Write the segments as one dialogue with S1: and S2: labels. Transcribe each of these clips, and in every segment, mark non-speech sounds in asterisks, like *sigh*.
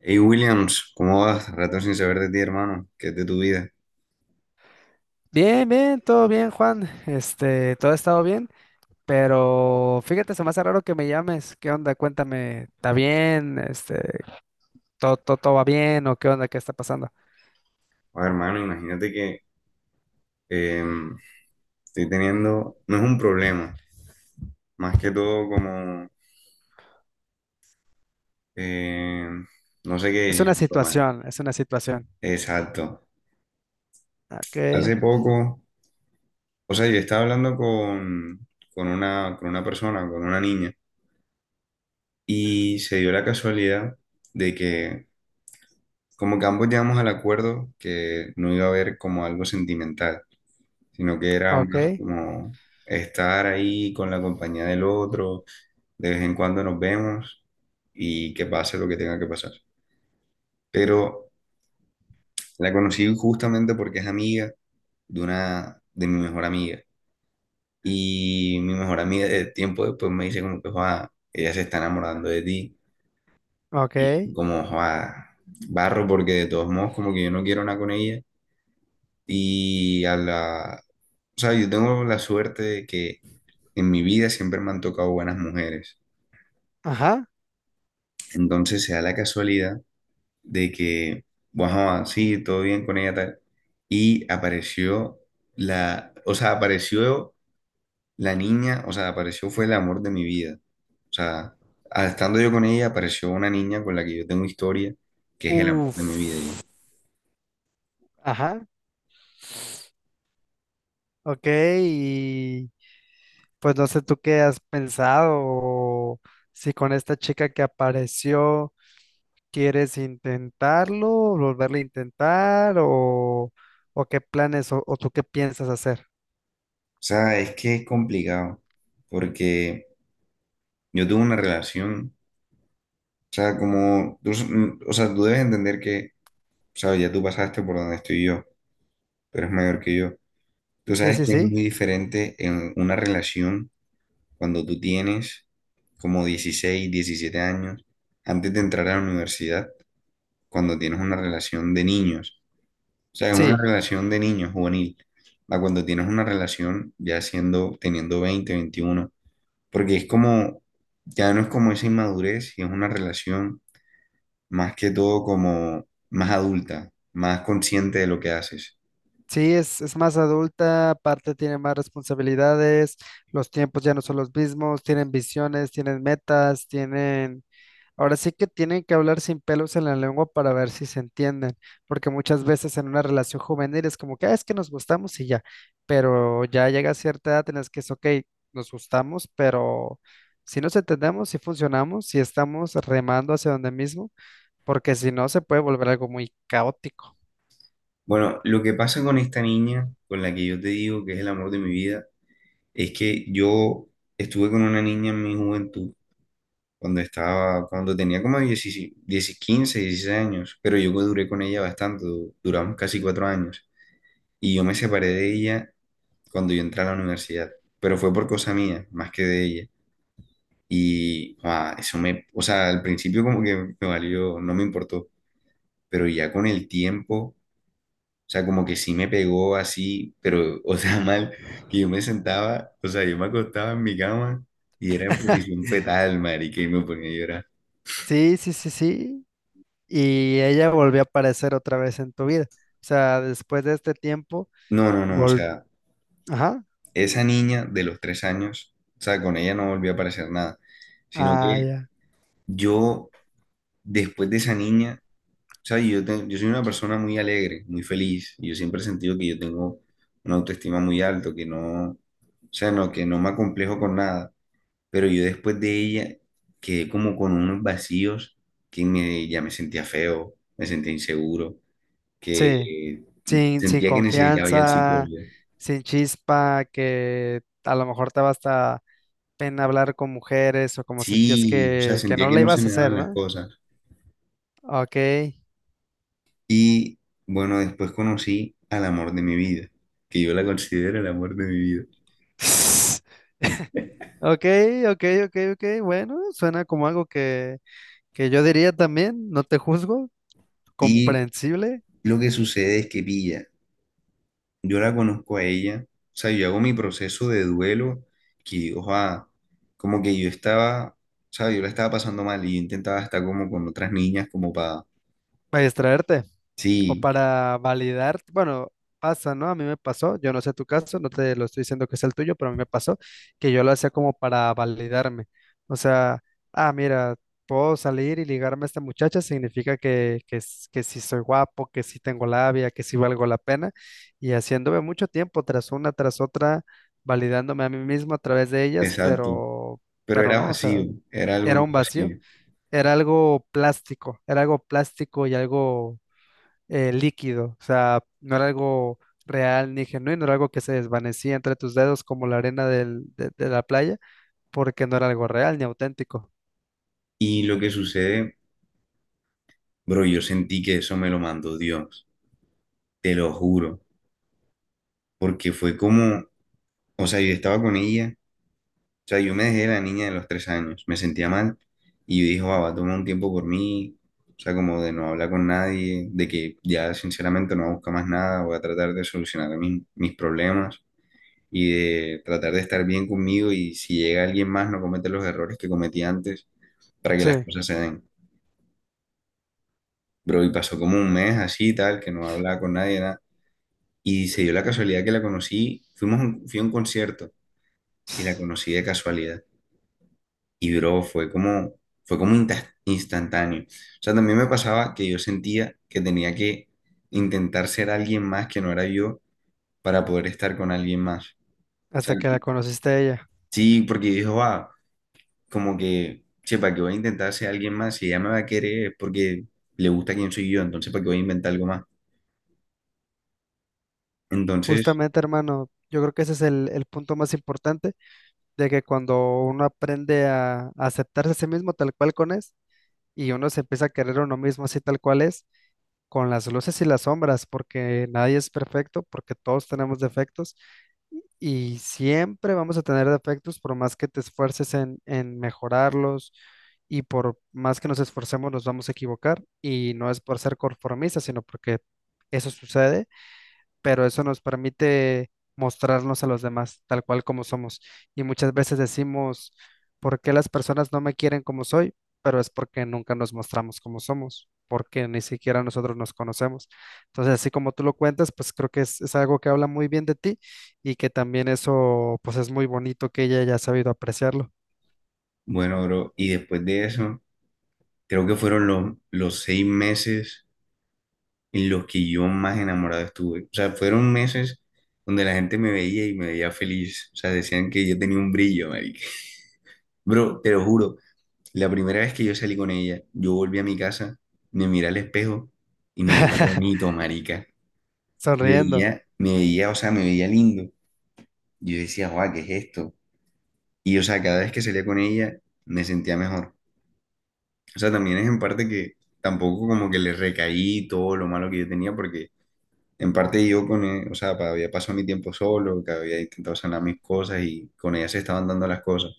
S1: Hey Williams, ¿cómo vas? Rato sin saber de ti, hermano. ¿Qué es de tu vida?
S2: Bien, bien, todo bien, Juan. Todo ha estado bien, pero fíjate, se me hace raro que me llames. ¿Qué onda? Cuéntame, ¿está bien? ¿Todo va bien o qué onda? ¿Qué está pasando?
S1: Oye, hermano, imagínate que em, estoy teniendo, no es un problema, más que todo como, em, no sé qué
S2: Es una
S1: decisión tomar.
S2: situación, es una situación.
S1: Exacto.
S2: Ok,
S1: Hace poco, o sea, yo estaba hablando con una persona, con una niña, y se dio la casualidad de que como que ambos llegamos al acuerdo que no iba a haber como algo sentimental, sino que era
S2: ok,
S1: más como estar ahí con la compañía del otro, de vez en cuando nos vemos y que pase lo que tenga que pasar. Pero la conocí justamente porque es amiga de una de mi mejor amiga, y mi mejor amiga de tiempo después me dice como que "Joa, ella se está enamorando de ti", y
S2: ok.
S1: como "Joa, barro porque de todos modos como que yo no quiero nada con ella", y a la o sea, yo tengo la suerte de que en mi vida siempre me han tocado buenas mujeres.
S2: Ajá.
S1: Entonces se da la casualidad de que, bueno sí, todo bien con ella, tal. Y apareció o sea, apareció la niña, o sea, apareció fue el amor de mi vida. O sea, estando yo con ella, apareció una niña con la que yo tengo historia, que es el amor de mi vida. Ya.
S2: Uf. Ajá. Ok, y pues no sé tú qué has pensado o si con esta chica que apareció. ¿Quieres intentarlo, volverlo a intentar o qué planes o tú qué piensas hacer?
S1: O sea, es que es complicado, porque yo tuve una relación, o sea, como, o sea, tú debes entender que, o sea, ya tú pasaste por donde estoy yo, tú eres mayor que yo. Tú
S2: Sí,
S1: sabes
S2: sí,
S1: que es
S2: sí.
S1: muy diferente en una relación cuando tú tienes como 16-17 años, antes de entrar a la universidad, cuando tienes una relación de niños. O sea, es una
S2: Sí,
S1: relación de niños juvenil, a cuando tienes una relación ya siendo, teniendo 20-21, porque es como, ya no es como esa inmadurez, y es una relación más que todo como más adulta, más consciente de lo que haces.
S2: sí, es más adulta, aparte tiene más responsabilidades, los tiempos ya no son los mismos, tienen visiones, tienen metas, tienen. Ahora sí que tienen que hablar sin pelos en la lengua para ver si se entienden, porque muchas veces en una relación juvenil es como que "Ah, es que nos gustamos y ya", pero ya llega a cierta edad en la que es ok, nos gustamos, pero si nos entendemos, si funcionamos, si estamos remando hacia donde mismo, porque si no se puede volver algo muy caótico.
S1: Bueno, lo que pasa con esta niña, con la que yo te digo que es el amor de mi vida, es que yo estuve con una niña en mi juventud, cuando estaba, cuando tenía como 16 10, 15-16 años, pero yo duré con ella bastante, duramos casi 4 años, y yo me separé de ella cuando yo entré a la universidad, pero fue por cosa mía, más que de ella, y eso me, o sea, al principio como que me valió, no me importó, pero ya con el tiempo, o sea, como que sí me pegó así, pero, o sea, *laughs* mal, que yo me sentaba, o sea, yo me acostaba en mi cama y era en posición
S2: *laughs*
S1: fetal, marica, y me ponía a llorar.
S2: Sí, sí, sí, sí. Y ella volvió a aparecer otra vez en tu vida. O sea, después de este tiempo,
S1: No, no, no, o
S2: vol...
S1: sea,
S2: Ajá.
S1: esa niña de los 3 años, o sea, con ella no volví a aparecer nada, sino
S2: Ah,
S1: que
S2: ya.
S1: yo, después de esa niña, o sea, yo, yo soy una persona muy alegre, muy feliz, y yo siempre he sentido que yo tengo una autoestima muy alto que no, o sea, no, que no me acomplejo con nada. Pero yo después de ella quedé como con unos vacíos que me, ya me sentía feo, me sentía inseguro, que
S2: Sí, sin
S1: sentía que necesitaba ya el
S2: confianza,
S1: psicólogo.
S2: sin chispa, que a lo mejor te va hasta pena hablar con mujeres o como sentías
S1: Sí, o sea,
S2: que
S1: sentía
S2: no
S1: que
S2: la
S1: no se
S2: ibas a
S1: me
S2: hacer,
S1: daban las
S2: ¿no?
S1: cosas.
S2: Ok.
S1: Y bueno, después conocí al amor de mi vida, que yo la considero el amor de mi vida.
S2: *laughs* Ok, ok, ok, ok. Bueno, suena como algo que yo diría también, no te juzgo,
S1: Y
S2: comprensible,
S1: lo que sucede es que pilla. Yo la conozco a ella, o sea, yo hago mi proceso de duelo, que, o sea, como que yo estaba, o sea, yo la estaba pasando mal y yo intentaba estar como con otras niñas, como para,
S2: para distraerte. O
S1: sí,
S2: para validar, bueno, pasa, ¿no? A mí me pasó, yo no sé tu caso, no te lo estoy diciendo que es el tuyo, pero a mí me pasó que yo lo hacía como para validarme. O sea, ah, mira, puedo salir y ligarme a esta muchacha, significa que sí soy guapo, que sí tengo labia, que sí valgo la pena. Y haciéndome mucho tiempo tras una, tras otra, validándome a mí mismo a través de ellas,
S1: exacto, pero
S2: pero
S1: era
S2: no, o sea,
S1: vacío, era algo
S2: era
S1: muy
S2: un vacío,
S1: vacío.
S2: era algo plástico y algo líquido, o sea, no era algo real ni genuino, era algo que se desvanecía entre tus dedos como la arena de la playa, porque no era algo real ni auténtico.
S1: Y lo que sucede, bro, yo sentí que eso me lo mandó Dios, te lo juro, porque fue como, o sea, yo estaba con ella. O sea, yo me dejé la niña de los 3 años, me sentía mal y yo dije, "Guau, va a tomar un tiempo por mí, o sea, como de no hablar con nadie, de que ya sinceramente no busca más nada, voy a tratar de solucionar mis problemas y de tratar de estar bien conmigo y si llega alguien más no cometer los errores que cometí antes para que las
S2: Sí,
S1: cosas se den". Bro, y pasó como un mes así, tal, que no hablaba con nadie, nada. Y se dio la casualidad que la conocí, fui a un concierto y la conocí de casualidad. Y bro, fue como instantáneo. O sea, también me pasaba que yo sentía que tenía que intentar ser alguien más que no era yo para poder estar con alguien más. O sea,
S2: hasta que la conociste a ella.
S1: sí, porque dijo, va, como que, che, ¿para qué voy a intentar ser alguien más? Si ella me va a querer es porque le gusta quién soy yo, entonces ¿para qué voy a inventar algo más? Entonces,
S2: Justamente, hermano, yo creo que ese es el punto más importante, de que cuando uno aprende a aceptarse a sí mismo tal cual con es, y uno se empieza a querer a uno mismo así tal cual es, con las luces y las sombras, porque nadie es perfecto, porque todos tenemos defectos y siempre vamos a tener defectos por más que te esfuerces en mejorarlos y por más que nos esforcemos nos vamos a equivocar y no es por ser conformistas, sino porque eso sucede, pero eso nos permite mostrarnos a los demás tal cual como somos. Y muchas veces decimos, ¿por qué las personas no me quieren como soy? Pero es porque nunca nos mostramos como somos, porque ni siquiera nosotros nos conocemos. Entonces, así como tú lo cuentas, pues creo que es algo que habla muy bien de ti, y que también eso, pues es muy bonito que ella haya sabido apreciarlo.
S1: bueno, bro, y después de eso, creo que fueron los 6 meses en los que yo más enamorado estuve. O sea, fueron meses donde la gente me veía y me veía feliz. O sea, decían que yo tenía un brillo, marica. Bro, te lo juro, la primera vez que yo salí con ella, yo volví a mi casa, me miré al espejo y me veía
S2: *laughs*
S1: bonito, marica. Me
S2: Sonriendo.
S1: veía, me veía, o sea, me veía lindo. Yo decía, guau, ¿qué es esto? Y, o sea, cada vez que salía con ella, me sentía mejor. O sea, también es en parte que tampoco como que le recaí todo lo malo que yo tenía, porque en parte yo con o sea, había pasado mi tiempo solo, que había intentado sanar mis cosas y con ella se estaban dando las cosas.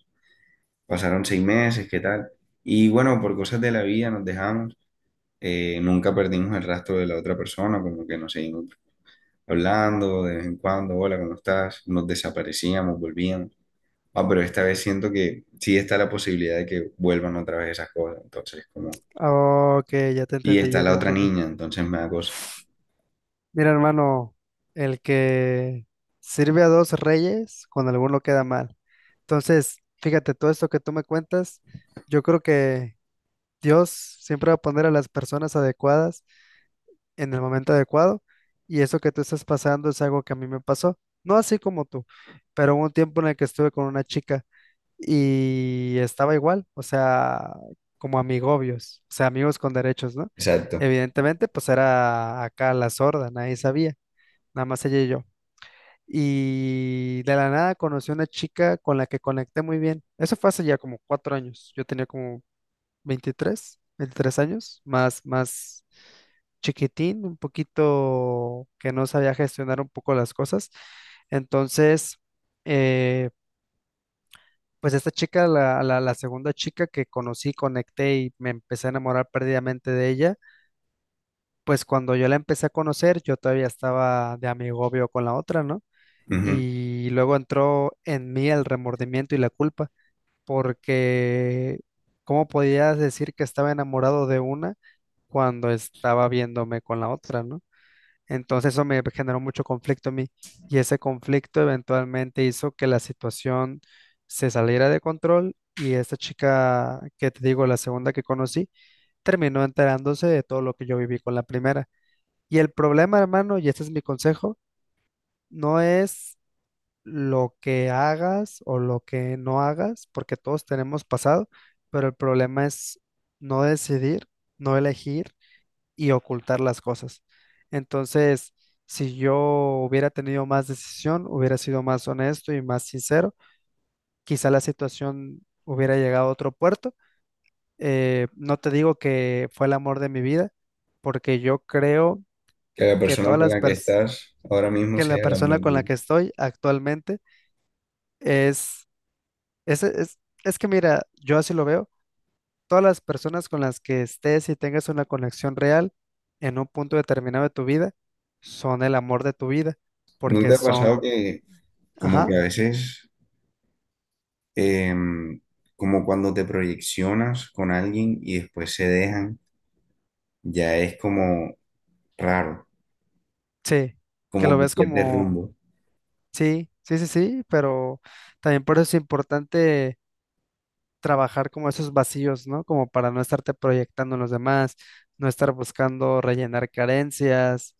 S1: Pasaron 6 meses, ¿qué tal? Y bueno, por cosas de la vida nos dejamos. Nunca perdimos el rastro de la otra persona, como que nos seguimos hablando de vez en cuando, hola, ¿cómo estás? Nos desaparecíamos, volvíamos. Ah, pero esta vez siento que sí está la posibilidad de que vuelvan otra vez esas cosas. Entonces, como...
S2: Ok, ya te
S1: Y
S2: entendí,
S1: está
S2: ya te
S1: la otra
S2: entendí.
S1: niña, entonces me da cosa.
S2: Mira, hermano, el que sirve a dos reyes, con alguno queda mal. Entonces, fíjate, todo esto que tú me cuentas, yo creo que Dios siempre va a poner a las personas adecuadas en el momento adecuado, y eso que tú estás pasando es algo que a mí me pasó. No así como tú, pero hubo un tiempo en el que estuve con una chica y estaba igual, o sea, como amigobios, o sea, amigos con derechos, ¿no?
S1: Exacto.
S2: Evidentemente, pues era acá la sorda, nadie sabía, nada más ella y yo. Y de la nada conocí a una chica con la que conecté muy bien. Eso fue hace ya como 4 años. Yo tenía como veintitrés años, más chiquitín, un poquito que no sabía gestionar un poco las cosas. Entonces, eh, pues esta chica, la segunda chica que conocí, conecté y me empecé a enamorar perdidamente de ella. Pues cuando yo la empecé a conocer, yo todavía estaba de amigovio con la otra, ¿no?
S1: Ujú.
S2: Y luego entró en mí el remordimiento y la culpa, porque ¿cómo podías decir que estaba enamorado de una cuando estaba viéndome con la otra, ¿no? Entonces eso me generó mucho conflicto a mí, y ese conflicto eventualmente hizo que la situación se saliera de control, y esta chica que te digo, la segunda que conocí, terminó enterándose de todo lo que yo viví con la primera. Y el problema, hermano, y este es mi consejo, no es lo que hagas o lo que no hagas, porque todos tenemos pasado, pero el problema es no decidir, no elegir y ocultar las cosas. Entonces, si yo hubiera tenido más decisión, hubiera sido más honesto y más sincero, quizá la situación hubiera llegado a otro puerto. No te digo que fue el amor de mi vida, porque yo creo
S1: Que la
S2: que
S1: persona
S2: todas
S1: con la que estás ahora mismo
S2: que la
S1: sea el
S2: persona
S1: amor de tu
S2: con la
S1: vida.
S2: que estoy actualmente es es que mira, yo así lo veo. Todas las personas con las que estés y tengas una conexión real en un punto determinado de tu vida son el amor de tu vida,
S1: ¿No
S2: porque
S1: te ha
S2: son,
S1: pasado que como que
S2: ajá,
S1: a veces, em, como cuando te proyeccionas con alguien y después se dejan, ya es como raro,
S2: sí, que
S1: como
S2: lo
S1: que
S2: ves
S1: pierdes
S2: como,
S1: rumbo?
S2: sí, sí, sí, sí, pero también por eso es importante trabajar como esos vacíos, ¿no? Como para no estarte proyectando en los demás, no estar buscando rellenar carencias.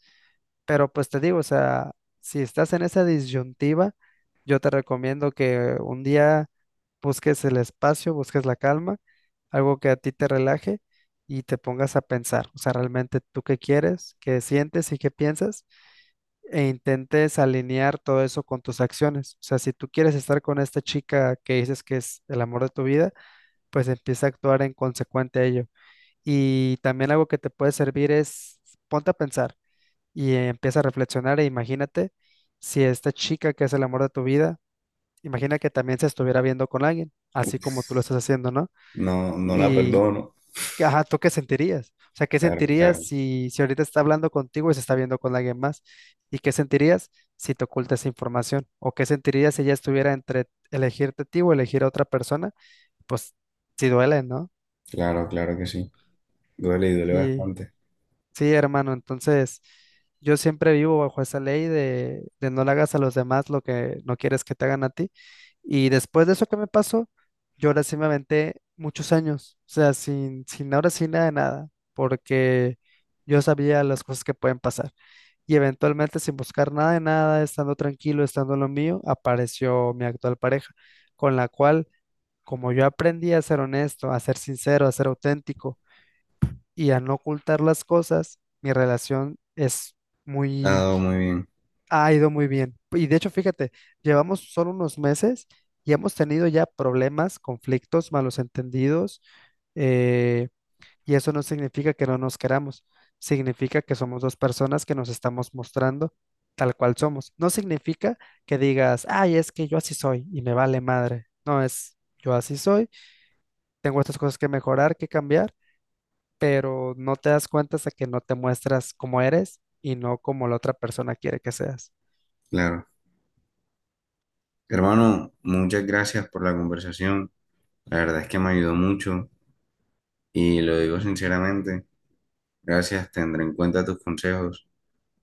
S2: Pero pues te digo, o sea, si estás en esa disyuntiva, yo te recomiendo que un día busques el espacio, busques la calma, algo que a ti te relaje y te pongas a pensar, o sea, realmente tú qué quieres, qué sientes y qué piensas, e intentes alinear todo eso con tus acciones. O sea, si tú quieres estar con esta chica que dices que es el amor de tu vida, pues empieza a actuar en consecuente a ello. Y también algo que te puede servir es, ponte a pensar y empieza a reflexionar e imagínate si esta chica que es el amor de tu vida, imagina que también se estuviera viendo con alguien, así como tú lo estás haciendo, ¿no?
S1: No, no la
S2: Y,
S1: perdono.
S2: ajá, ¿tú qué sentirías? O sea, ¿qué
S1: Claro,
S2: sentirías
S1: claro,
S2: si ahorita está hablando contigo y se está viendo con alguien más? ¿Y qué sentirías si te oculta esa información? ¿O qué sentirías si ella estuviera entre elegirte a ti o elegir a otra persona? Pues sí duele, ¿no?
S1: claro, claro que sí. Duele y duele
S2: Sí.
S1: bastante.
S2: Sí, hermano, entonces yo siempre vivo bajo esa ley de, no le hagas a los demás lo que no quieres que te hagan a ti. Y después de eso que me pasó, yo ahora sí me aventé muchos años, o sea, sin ahora sí nada de nada, porque yo sabía las cosas que pueden pasar. Y eventualmente, sin buscar nada de nada, estando tranquilo, estando en lo mío, apareció mi actual pareja, con la cual, como yo aprendí a ser honesto, a ser sincero, a ser auténtico, y al no ocultar las cosas, mi relación es
S1: Ha
S2: muy,
S1: dado muy bien,
S2: ha ido muy bien. Y de hecho, fíjate, llevamos solo unos meses y hemos tenido ya problemas, conflictos, malos entendidos, eh, y eso no significa que no nos queramos, significa que somos dos personas que nos estamos mostrando tal cual somos. No significa que digas, ay, es que yo así soy y me vale madre. No, es, yo así soy, tengo estas cosas que mejorar, que cambiar, pero no te das cuenta hasta que no te muestras como eres y no como la otra persona quiere que seas.
S1: claro. Hermano, muchas gracias por la conversación. La verdad es que me ayudó mucho y lo digo sinceramente. Gracias, tendré en cuenta tus consejos.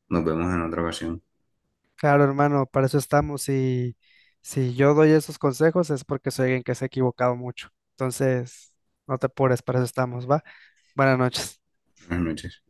S1: Nos vemos en otra ocasión.
S2: Claro, hermano, para eso estamos, y si yo doy esos consejos es porque soy alguien que se ha equivocado mucho. Entonces, no te apures, para eso estamos, ¿va? Buenas noches.
S1: Buenas noches.